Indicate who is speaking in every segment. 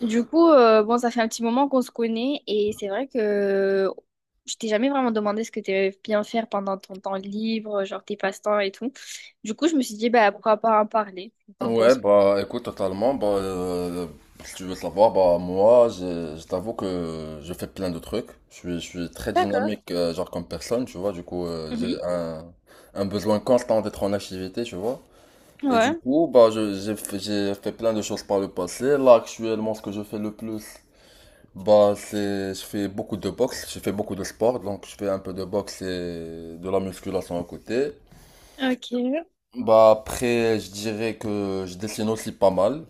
Speaker 1: Du coup, bon, ça fait un petit moment qu'on se connaît et c'est vrai que je t'ai jamais vraiment demandé ce que tu aimais bien faire pendant ton temps libre, genre tes passe-temps et tout. Du coup, je me suis dit, bah, pourquoi pas en parler? T'en
Speaker 2: Ouais,
Speaker 1: penses quoi?
Speaker 2: bah écoute, totalement. Bah, si tu veux savoir, bah moi, je t'avoue que je fais plein de trucs. Je suis très
Speaker 1: D'accord.
Speaker 2: dynamique, genre comme personne, tu vois. Du coup,
Speaker 1: Mhm.
Speaker 2: un besoin constant d'être en activité, tu vois. Et du
Speaker 1: Ouais,
Speaker 2: coup, bah, j'ai fait plein de choses par le passé. Là, actuellement, ce que je fais le plus, bah, je fais beaucoup de boxe, je fais beaucoup de sport. Donc, je fais un peu de boxe et de la musculation à côté.
Speaker 1: ok.
Speaker 2: Bah, après, je dirais que je dessine aussi pas mal.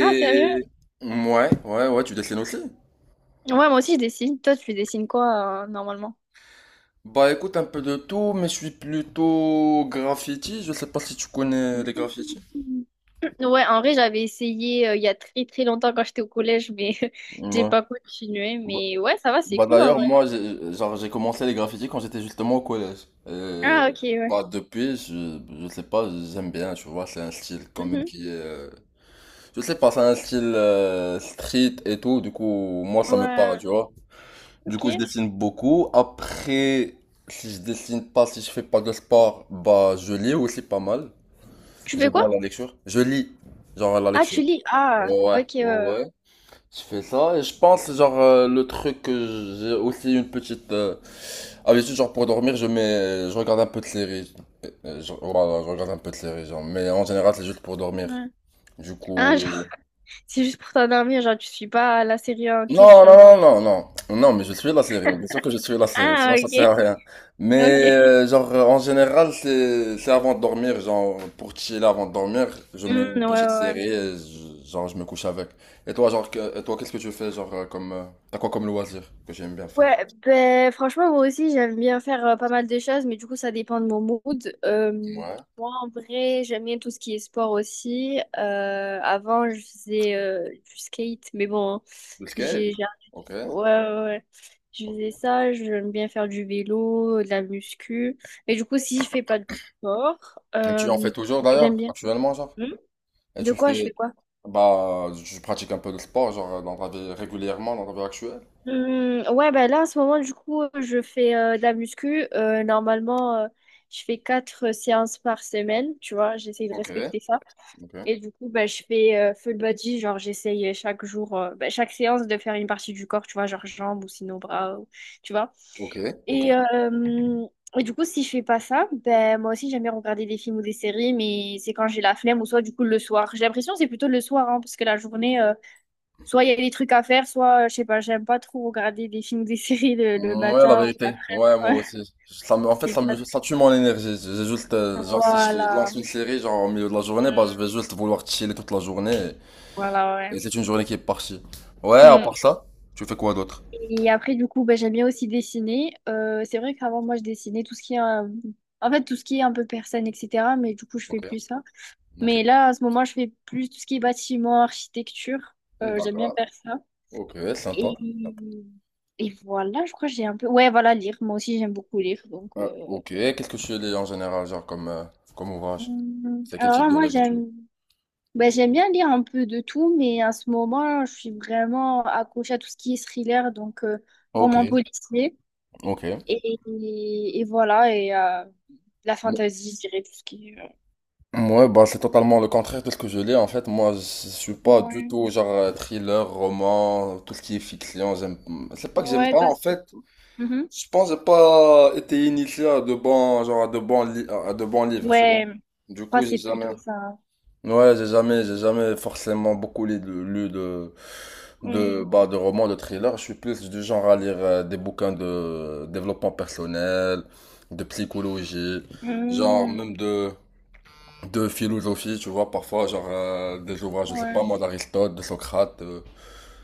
Speaker 1: Ah, sérieux?
Speaker 2: ouais, ouais, ouais, tu dessines aussi?
Speaker 1: Ouais, moi aussi, je dessine. Toi, tu dessines quoi, normalement?
Speaker 2: Bah écoute un peu de tout, mais je suis plutôt graffiti. Je sais pas si tu connais les graffitis.
Speaker 1: Mhm. Ouais, en vrai, j'avais essayé il y a très très longtemps quand j'étais au collège, mais j'ai
Speaker 2: Ouais.
Speaker 1: pas continué.
Speaker 2: Bah,
Speaker 1: Mais ouais, ça va, c'est
Speaker 2: bah,
Speaker 1: cool en
Speaker 2: d'ailleurs
Speaker 1: vrai.
Speaker 2: moi j'ai commencé les graffitis quand j'étais justement au collège. Et,
Speaker 1: Ah, ok,
Speaker 2: bah
Speaker 1: ouais.
Speaker 2: depuis je sais pas, j'aime bien, tu vois, c'est un style quand même
Speaker 1: Mhm.
Speaker 2: qui est je sais pas, c'est un style street et tout, du coup moi ça me parle, tu
Speaker 1: Ouais.
Speaker 2: vois. Du
Speaker 1: Ok.
Speaker 2: coup, je dessine beaucoup. Après, si je dessine pas, si je fais pas de sport, bah, je lis aussi pas mal.
Speaker 1: Tu fais
Speaker 2: J'aime bien
Speaker 1: quoi?
Speaker 2: la lecture. Je lis, genre la
Speaker 1: Ah,
Speaker 2: lecture.
Speaker 1: tu lis? Ah,
Speaker 2: Ouais,
Speaker 1: ok.
Speaker 2: ouais, ouais. Je fais ça et je pense, genre, le truc que j'ai aussi une petite habitude, genre pour dormir, je regarde un peu de série. Voilà, je regarde un peu de série genre, mais en général, c'est juste pour dormir.
Speaker 1: Ouais.
Speaker 2: Du
Speaker 1: Ah, genre,
Speaker 2: coup,
Speaker 1: c'est juste pour t'endormir, genre, tu suis pas la série en
Speaker 2: non, non,
Speaker 1: question.
Speaker 2: non, non, non, non, mais je suis la série, bien sûr que je suis la série,
Speaker 1: Ah,
Speaker 2: sinon ça
Speaker 1: ok.
Speaker 2: sert à rien.
Speaker 1: Ok.
Speaker 2: Mais en général, c'est avant de dormir, genre pour chiller avant de dormir, je mets
Speaker 1: Hmm,
Speaker 2: une
Speaker 1: ouais,
Speaker 2: petite
Speaker 1: ouais.
Speaker 2: série et genre je me couche avec. Et toi, et toi, qu'est-ce que tu fais, t'as quoi comme loisir que j'aime bien faire?
Speaker 1: Ouais, ben franchement moi aussi j'aime bien faire pas mal de choses, mais du coup ça dépend de mon mood.
Speaker 2: Ouais,
Speaker 1: Moi en vrai j'aime bien tout ce qui est sport aussi. Avant je faisais du skate, mais bon hein,
Speaker 2: le skate.
Speaker 1: j'ai j'ai-
Speaker 2: Ok.
Speaker 1: ouais, ouais, ouais. Je faisais
Speaker 2: Ok.
Speaker 1: ça. J'aime bien faire du vélo, de la muscu. Mais du coup si je fais pas du sport,
Speaker 2: Et tu en fais toujours d'ailleurs,
Speaker 1: j'aime bien.
Speaker 2: actuellement, genre?
Speaker 1: Hmm.
Speaker 2: Et
Speaker 1: De
Speaker 2: tu
Speaker 1: quoi je
Speaker 2: fais,
Speaker 1: fais quoi?
Speaker 2: bah, tu pratiques un peu de sport, genre dans ta vie régulièrement, dans ta vie actuelle?
Speaker 1: Ouais, ben là, en ce moment, du coup, je fais de la muscu. Normalement, je fais quatre séances par semaine, tu vois, j'essaye de
Speaker 2: Ok,
Speaker 1: respecter ça.
Speaker 2: ok,
Speaker 1: Et du coup, ben je fais full body, genre, j'essaye chaque jour, bah, chaque séance de faire une partie du corps, tu vois, genre jambes ou sinon bras, tu vois.
Speaker 2: ok, ok.
Speaker 1: Et et du coup, si je fais pas ça, ben moi aussi, j'aime bien regarder des films ou des séries, mais c'est quand j'ai la flemme ou soit, du coup, le soir. J'ai l'impression que c'est plutôt le soir, hein, parce que la journée. Soit il y a des trucs à faire, soit, je sais pas, j'aime pas trop regarder des films ou des séries le
Speaker 2: Ouais, la
Speaker 1: matin ou
Speaker 2: vérité. Ouais, moi
Speaker 1: l'après-midi.
Speaker 2: aussi. Ça me, en fait,
Speaker 1: C'est
Speaker 2: ça
Speaker 1: pas.
Speaker 2: me, ça tue mon énergie. J'ai juste, genre, si je
Speaker 1: Voilà,
Speaker 2: lance une série, genre, au milieu de la journée, bah, je vais juste vouloir chiller toute la journée.
Speaker 1: voilà, ouais.
Speaker 2: Et c'est une journée qui est partie. Ouais, à
Speaker 1: Mm.
Speaker 2: part ça, tu fais quoi d'autre?
Speaker 1: Et après, du coup, bah, j'aime bien aussi dessiner. C'est vrai qu'avant, moi, je dessinais tout ce qui est, en fait, tout ce qui est un peu personne, etc. Mais du coup, je fais
Speaker 2: Ok,
Speaker 1: plus ça.
Speaker 2: ok.
Speaker 1: Mais là, à ce moment, je fais plus tout ce qui est bâtiment, architecture. J'aime bien
Speaker 2: D'accord.
Speaker 1: faire ça.
Speaker 2: Ok, sympa.
Speaker 1: Et... Et voilà, je crois que j'ai un peu. Ouais, voilà, lire. Moi aussi, j'aime beaucoup lire. Donc,
Speaker 2: Ok, qu'est-ce que tu lis en général, comme ouvrage? C'est quel
Speaker 1: alors
Speaker 2: type
Speaker 1: là,
Speaker 2: de
Speaker 1: moi,
Speaker 2: livre tu lis?
Speaker 1: j'aime. Ben, j'aime bien lire un peu de tout, mais en ce moment, je suis vraiment accrochée à tout ce qui est thriller, donc
Speaker 2: Ok,
Speaker 1: roman policier.
Speaker 2: ok.
Speaker 1: Et voilà, et la fantasy, je dirais tout ce qui est.
Speaker 2: Ouais, bah c'est totalement le contraire de ce que je lis. En fait, moi, je suis pas du
Speaker 1: Ouais,
Speaker 2: tout thriller, roman, tout ce qui est fiction. J'aime, c'est pas que j'aime
Speaker 1: ouais,
Speaker 2: pas.
Speaker 1: toi,
Speaker 2: En fait,
Speaker 1: c'est cool. Mhm.
Speaker 2: je pense que j'ai pas été initié à de bons, à de bons livres. Tu vois.
Speaker 1: Ouais,
Speaker 2: Du
Speaker 1: moi,
Speaker 2: coup, j'ai
Speaker 1: c'est
Speaker 2: jamais.
Speaker 1: plutôt ça.
Speaker 2: Ouais, j'ai jamais forcément beaucoup lu de,
Speaker 1: Mm.
Speaker 2: bah, de romans, de thrillers. Je suis plus du genre à lire des bouquins de développement personnel, de psychologie, genre
Speaker 1: Mm.
Speaker 2: même de philosophie, tu vois, parfois, des ouvrages, je sais
Speaker 1: Ouais.
Speaker 2: pas moi, d'Aristote, de Socrate,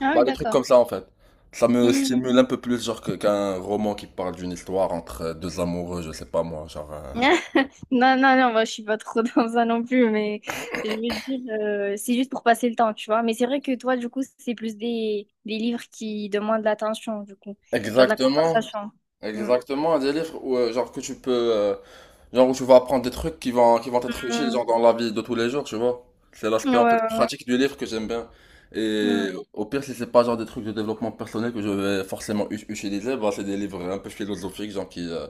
Speaker 1: Ah oui,
Speaker 2: bah des trucs
Speaker 1: d'accord.
Speaker 2: comme ça en fait. Ça me
Speaker 1: Mm.
Speaker 2: stimule un peu plus, qu'un roman qui parle d'une histoire entre deux amoureux, je sais pas moi,
Speaker 1: Non, non, non, moi je suis pas trop dans ça non plus, mais je veux dire, c'est juste pour passer le temps, tu vois. Mais c'est vrai que toi, du coup, c'est plus des livres qui demandent de l'attention, du coup, genre de la
Speaker 2: exactement,
Speaker 1: concentration. Mm.
Speaker 2: exactement, des livres où, que tu peux, genre, où tu vas apprendre des trucs qui vont être utiles,
Speaker 1: Mm.
Speaker 2: genre, dans la vie de tous les jours, tu vois. C'est l'aspect,
Speaker 1: Ouais,
Speaker 2: en fait,
Speaker 1: ouais,
Speaker 2: pratique du livre que j'aime bien.
Speaker 1: ouais.
Speaker 2: Et au pire, si c'est pas, genre, des trucs de développement personnel que je vais forcément utiliser, bah, c'est des livres un peu philosophiques,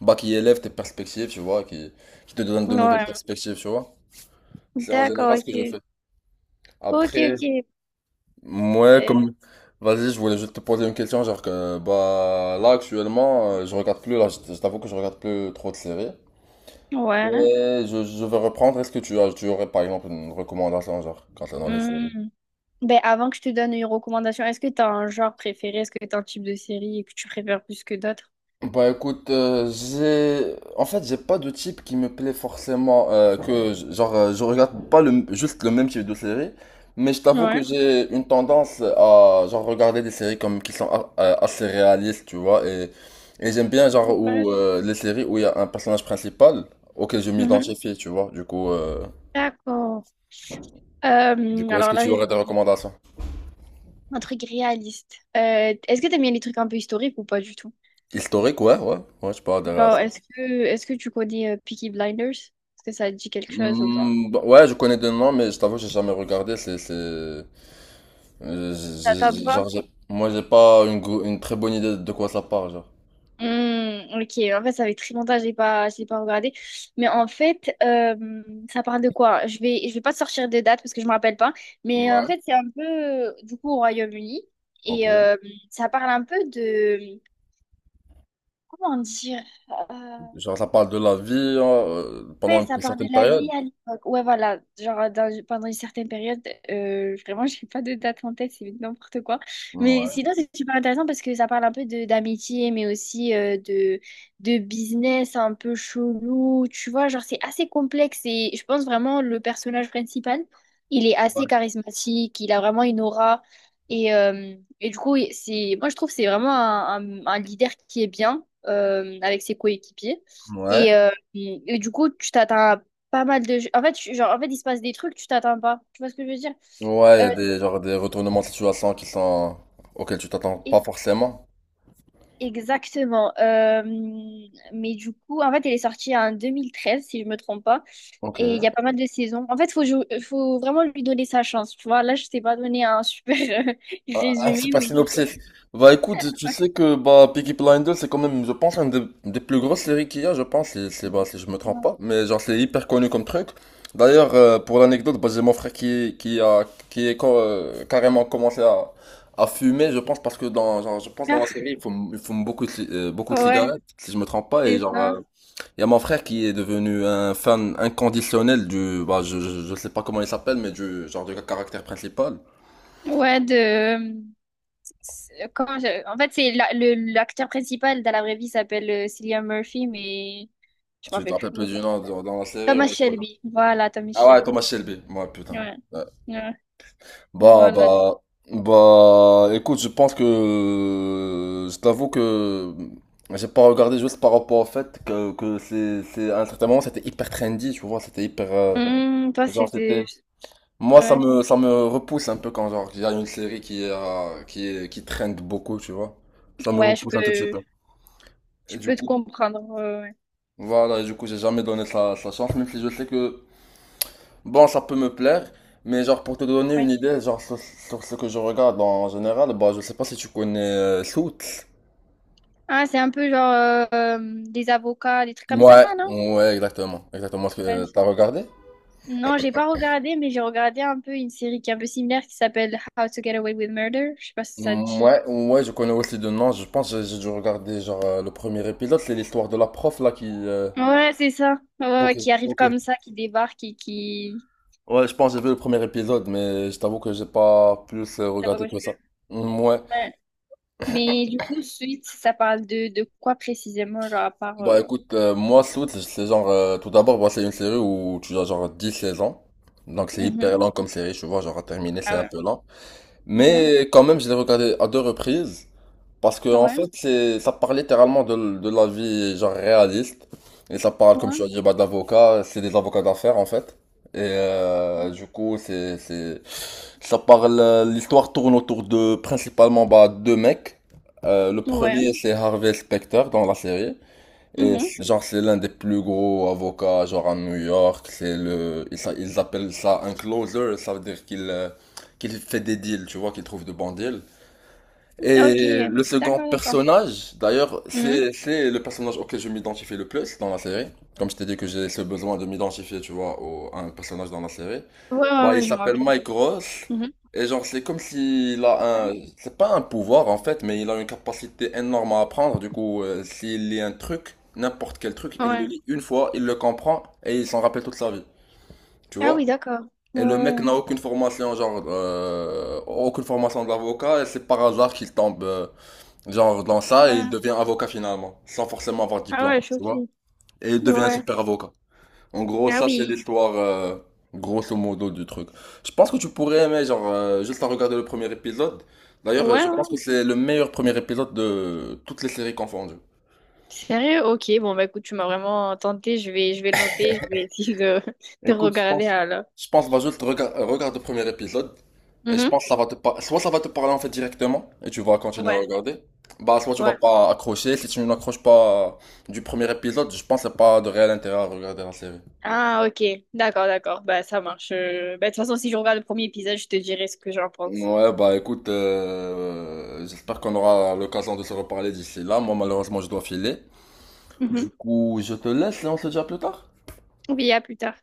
Speaker 2: bah, qui élève tes perspectives, qui te donne de
Speaker 1: Mm.
Speaker 2: nouvelles
Speaker 1: Ouais.
Speaker 2: perspectives, tu vois. C'est en
Speaker 1: D'accord,
Speaker 2: général ce que je
Speaker 1: ok.
Speaker 2: fais.
Speaker 1: Ok,
Speaker 2: Après,
Speaker 1: ok.
Speaker 2: moi,
Speaker 1: Euh,
Speaker 2: comme... Vas-y, je voulais juste te poser une question, genre que, bah, là, actuellement, je regarde plus, là, je t'avoue que je regarde plus trop de séries.
Speaker 1: ouais.
Speaker 2: Mais je vais reprendre, est-ce que tu as, tu aurais, par exemple, une recommandation, genre, concernant les séries?
Speaker 1: Mm. Ben, avant que je te donne une recommandation, est-ce que tu as un genre préféré? Est-ce que tu as un type de série que tu préfères plus que d'autres?
Speaker 2: Bah écoute, j'ai en fait j'ai pas de type qui me plaît forcément que j- genre je regarde pas le juste le même type de série, mais je t'avoue que
Speaker 1: Ouais.
Speaker 2: j'ai une tendance à genre regarder des séries comme qui sont assez réalistes, tu vois, et j'aime bien genre
Speaker 1: Ouais.
Speaker 2: où les séries où il y a un personnage principal auquel je
Speaker 1: Mhm.
Speaker 2: m'identifie, tu vois.
Speaker 1: D'accord.
Speaker 2: Est-ce
Speaker 1: Alors
Speaker 2: que
Speaker 1: là,
Speaker 2: tu aurais des recommandations?
Speaker 1: un truc réaliste. Est-ce que t'aimes bien les trucs un peu historiques ou pas du tout?
Speaker 2: Historique, ouais, ouais. Ouais, je peux adhérer à
Speaker 1: Genre,
Speaker 2: ça.
Speaker 1: est-ce que tu connais Peaky Blinders? Est-ce que ça te dit quelque chose ou pas?
Speaker 2: Hmm, bah, ouais, je connais des noms, mais je t'avoue que j'ai jamais regardé, c'est Euh,
Speaker 1: Ça
Speaker 2: j'ai-
Speaker 1: tente pas?
Speaker 2: Moi, j'ai pas une, une très bonne idée de quoi ça parle, genre.
Speaker 1: Hmm, ok, en fait, ça fait très longtemps que je l'ai pas regardé. Mais en fait, ça parle de quoi? Je vais pas te sortir de date parce que je me rappelle pas. Mais en
Speaker 2: Ouais,
Speaker 1: fait, c'est un peu, du coup, au Royaume-Uni. Et
Speaker 2: ok.
Speaker 1: ça parle un peu de. Comment dire? euh,
Speaker 2: Genre, ça parle de la vie hein,
Speaker 1: Ouais,
Speaker 2: pendant
Speaker 1: ça
Speaker 2: une
Speaker 1: parle de
Speaker 2: certaine
Speaker 1: la vie
Speaker 2: période.
Speaker 1: à l'époque. Ouais, voilà. Genre, pendant une certaine période, vraiment, j'ai pas de date en tête, c'est n'importe quoi. Mais
Speaker 2: Ouais,
Speaker 1: sinon, c'est super intéressant parce que ça parle un peu de d'amitié, mais aussi de business un peu chelou. Tu vois, genre, c'est assez complexe et je pense vraiment le personnage principal, il est assez
Speaker 2: ouais.
Speaker 1: charismatique, il a vraiment une aura. Et, euh, et du coup, moi, je trouve que c'est vraiment un leader qui est bien avec ses coéquipiers.
Speaker 2: Ouais.
Speaker 1: Et, euh, et du coup, tu t'attends à pas mal de. En fait, genre, en fait, il se passe des trucs, tu t'attends pas. Tu vois ce que je veux dire?
Speaker 2: Ouais, il y
Speaker 1: Euh,
Speaker 2: a des, genre, des retournements de situation qui sont... auxquels tu t'attends pas
Speaker 1: e-
Speaker 2: forcément.
Speaker 1: exactement. Mais du coup, en fait, elle est sortie en 2013, si je me trompe pas. Et il y a
Speaker 2: Ok.
Speaker 1: pas mal de saisons. En fait, faut vraiment lui donner sa chance. Tu vois, là, je t'ai pas donné un super euh,
Speaker 2: Ah, ah, c'est
Speaker 1: résumé,
Speaker 2: pas
Speaker 1: mais du coup,
Speaker 2: synopsis. Bah écoute, tu sais que bah Peaky Blinders c'est quand même, je pense, des plus grosses séries qu'il y a, je pense, si, bah, si je me trompe
Speaker 1: ouais,
Speaker 2: pas. Mais genre c'est hyper connu comme truc. D'ailleurs, pour l'anecdote, bah, j'ai mon frère qui a qui est carrément commencé à fumer, je pense, parce que dans genre, je pense dans la série, il fume beaucoup de, beaucoup de
Speaker 1: ah, ouais,
Speaker 2: cigarettes, si je me trompe pas. Et
Speaker 1: c'est
Speaker 2: genre,
Speaker 1: ça.
Speaker 2: il y a mon frère qui est devenu un fan inconditionnel du, je sais pas comment il s'appelle, mais du genre du caractère principal.
Speaker 1: Ouais, de. En fait, c'est l'acteur principal dans la vraie vie s'appelle Cillian Murphy, mais je me
Speaker 2: Tu te
Speaker 1: rappelle plus
Speaker 2: rappelles
Speaker 1: comment
Speaker 2: plus
Speaker 1: il
Speaker 2: du
Speaker 1: s'appelle.
Speaker 2: nom dans la série,
Speaker 1: Thomas
Speaker 2: ouais, c'est pas grave.
Speaker 1: Shelby. Voilà, Thomas
Speaker 2: Ah ouais,
Speaker 1: Shelby.
Speaker 2: Thomas Shelby. Ouais, putain.
Speaker 1: Ouais.
Speaker 2: Ouais.
Speaker 1: Ouais.
Speaker 2: Bah,
Speaker 1: Voilà.
Speaker 2: bah, bah, écoute, je t'avoue que j'ai pas regardé juste par rapport au fait que, c'est, à un certain moment, c'était hyper trendy, tu vois, c'était hyper,
Speaker 1: Toi,
Speaker 2: genre, c'était,
Speaker 1: c'était.
Speaker 2: moi,
Speaker 1: Ouais.
Speaker 2: ça me repousse un peu quand, genre, il y a une série qui trend beaucoup, tu vois. Ça me
Speaker 1: Ouais,
Speaker 2: repousse un tout petit peu.
Speaker 1: je
Speaker 2: Et du
Speaker 1: peux te
Speaker 2: coup,
Speaker 1: comprendre. Ouais.
Speaker 2: voilà, et du coup, j'ai jamais donné sa chance, même si je sais que, bon, ça peut me plaire, mais genre pour te donner une
Speaker 1: Ouais.
Speaker 2: idée, sur ce que je regarde en général, bah je sais pas si tu connais Suits.
Speaker 1: Ah, c'est un peu genre des avocats, des trucs comme ça,
Speaker 2: Ouais,
Speaker 1: non?
Speaker 2: ouais, exactement, exactement ce que
Speaker 1: Ouais.
Speaker 2: t'as regardé.
Speaker 1: Non, j'ai pas regardé, mais j'ai regardé un peu une série qui est un peu similaire qui s'appelle How to Get Away with Murder. Je sais pas si ça te dit.
Speaker 2: Ouais, ouais, je connais aussi de nom. Je pense que j'ai dû regarder le premier épisode, c'est l'histoire de la prof là qui.
Speaker 1: Ouais, c'est ça. Ouais, ouais,
Speaker 2: Ok,
Speaker 1: ouais, qui arrive
Speaker 2: ok.
Speaker 1: comme ça, qui débarque et qui.
Speaker 2: Ouais, je pense que j'ai vu le premier épisode, mais je t'avoue que j'ai pas plus
Speaker 1: Ça va,
Speaker 2: regardé
Speaker 1: ouais.
Speaker 2: que ça. Mm, ouais.
Speaker 1: Ouais. Mais du coup, suite, ça parle de quoi précisément, genre à part.
Speaker 2: Bah écoute, moi Suits, c'est genre, tout d'abord, bah, c'est une série où tu as genre 10 saisons. Donc c'est
Speaker 1: Mhm.
Speaker 2: hyper lent comme série, tu vois, genre à terminer, c'est
Speaker 1: Ah
Speaker 2: un
Speaker 1: ouais.
Speaker 2: peu lent.
Speaker 1: Mhm.
Speaker 2: Mais quand même, je l'ai regardé à deux reprises. Parce que en
Speaker 1: Ouais,
Speaker 2: fait, ça parle littéralement de, de la vie genre réaliste. Et ça parle, comme tu
Speaker 1: ouais,
Speaker 2: as dit, bah, d'avocats, c'est des avocats d'affaires en fait. Et du coup, l'histoire tourne autour de principalement bah, deux mecs. Le
Speaker 1: ouais.
Speaker 2: premier, c'est Harvey Specter dans la série. Et
Speaker 1: Mhm.
Speaker 2: genre, c'est l'un des plus gros avocats, genre à New York. C'est ils appellent ça un closer. Ça veut dire qu'il fait des deals, tu vois, qu'il trouve de bons deals.
Speaker 1: Ok,
Speaker 2: Et le second
Speaker 1: d'accord, d'accord.
Speaker 2: personnage, d'ailleurs,
Speaker 1: Mhm.
Speaker 2: c'est le personnage auquel je m'identifie le plus dans la série. Comme je t'ai dit que j'ai ce besoin de m'identifier, tu vois, à un personnage dans la série.
Speaker 1: Ouais, ouais,
Speaker 2: Bah, il
Speaker 1: ouais, je me
Speaker 2: s'appelle
Speaker 1: rappelle.
Speaker 2: Mike Ross.
Speaker 1: Mhm.
Speaker 2: Et genre, c'est comme s'il a
Speaker 1: Ouais.
Speaker 2: un... C'est pas un pouvoir, en fait, mais il a une capacité énorme à apprendre. Du coup, s'il lit un truc, n'importe quel truc, il le
Speaker 1: Ouais.
Speaker 2: lit une fois, il le comprend, et il s'en rappelle toute sa vie. Tu
Speaker 1: Ah
Speaker 2: vois?
Speaker 1: oui, d'accord. Ouais,
Speaker 2: Et le mec
Speaker 1: ouais.
Speaker 2: n'a aucune formation, aucune formation d'avocat, et c'est par hasard qu'il tombe... genre, dans ça, il
Speaker 1: Ouais.
Speaker 2: devient avocat finalement, sans forcément avoir de
Speaker 1: Ah
Speaker 2: diplôme,
Speaker 1: ouais,
Speaker 2: tu vois?
Speaker 1: choquée.
Speaker 2: Et il devient un
Speaker 1: Ouais.
Speaker 2: super avocat. En gros,
Speaker 1: Ah
Speaker 2: ça, c'est
Speaker 1: oui.
Speaker 2: l'histoire, grosso modo, du truc. Je pense que tu pourrais aimer, juste en regarder le premier épisode. D'ailleurs, je
Speaker 1: Ouais,
Speaker 2: pense que
Speaker 1: ouais.
Speaker 2: c'est le meilleur premier épisode de toutes les séries confondues.
Speaker 1: Sérieux? Ok, bon bah écoute, tu m'as vraiment tenté, je vais le noter, je vais essayer de, de
Speaker 2: Écoute,
Speaker 1: regarder alors.
Speaker 2: je pense, regarde le premier épisode. Et je
Speaker 1: Mhm.
Speaker 2: pense que ça va soit ça va te parler en fait directement et tu vas continuer à
Speaker 1: Ouais,
Speaker 2: regarder. Bah, soit tu vas
Speaker 1: ouais.
Speaker 2: pas accrocher. Si tu n'accroches pas du premier épisode, je pense que c'est pas de réel intérêt à regarder la série.
Speaker 1: Ah ok, d'accord, d'accord, bah ça marche. Bah, de toute façon, si je regarde le premier épisode, je te dirai ce que j'en pense.
Speaker 2: Ouais, bah écoute, j'espère qu'on aura l'occasion de se reparler d'ici là. Moi, malheureusement, je dois filer. Du
Speaker 1: Mhm.
Speaker 2: coup, je te laisse et on se dit à plus tard.
Speaker 1: Oui, à plus tard.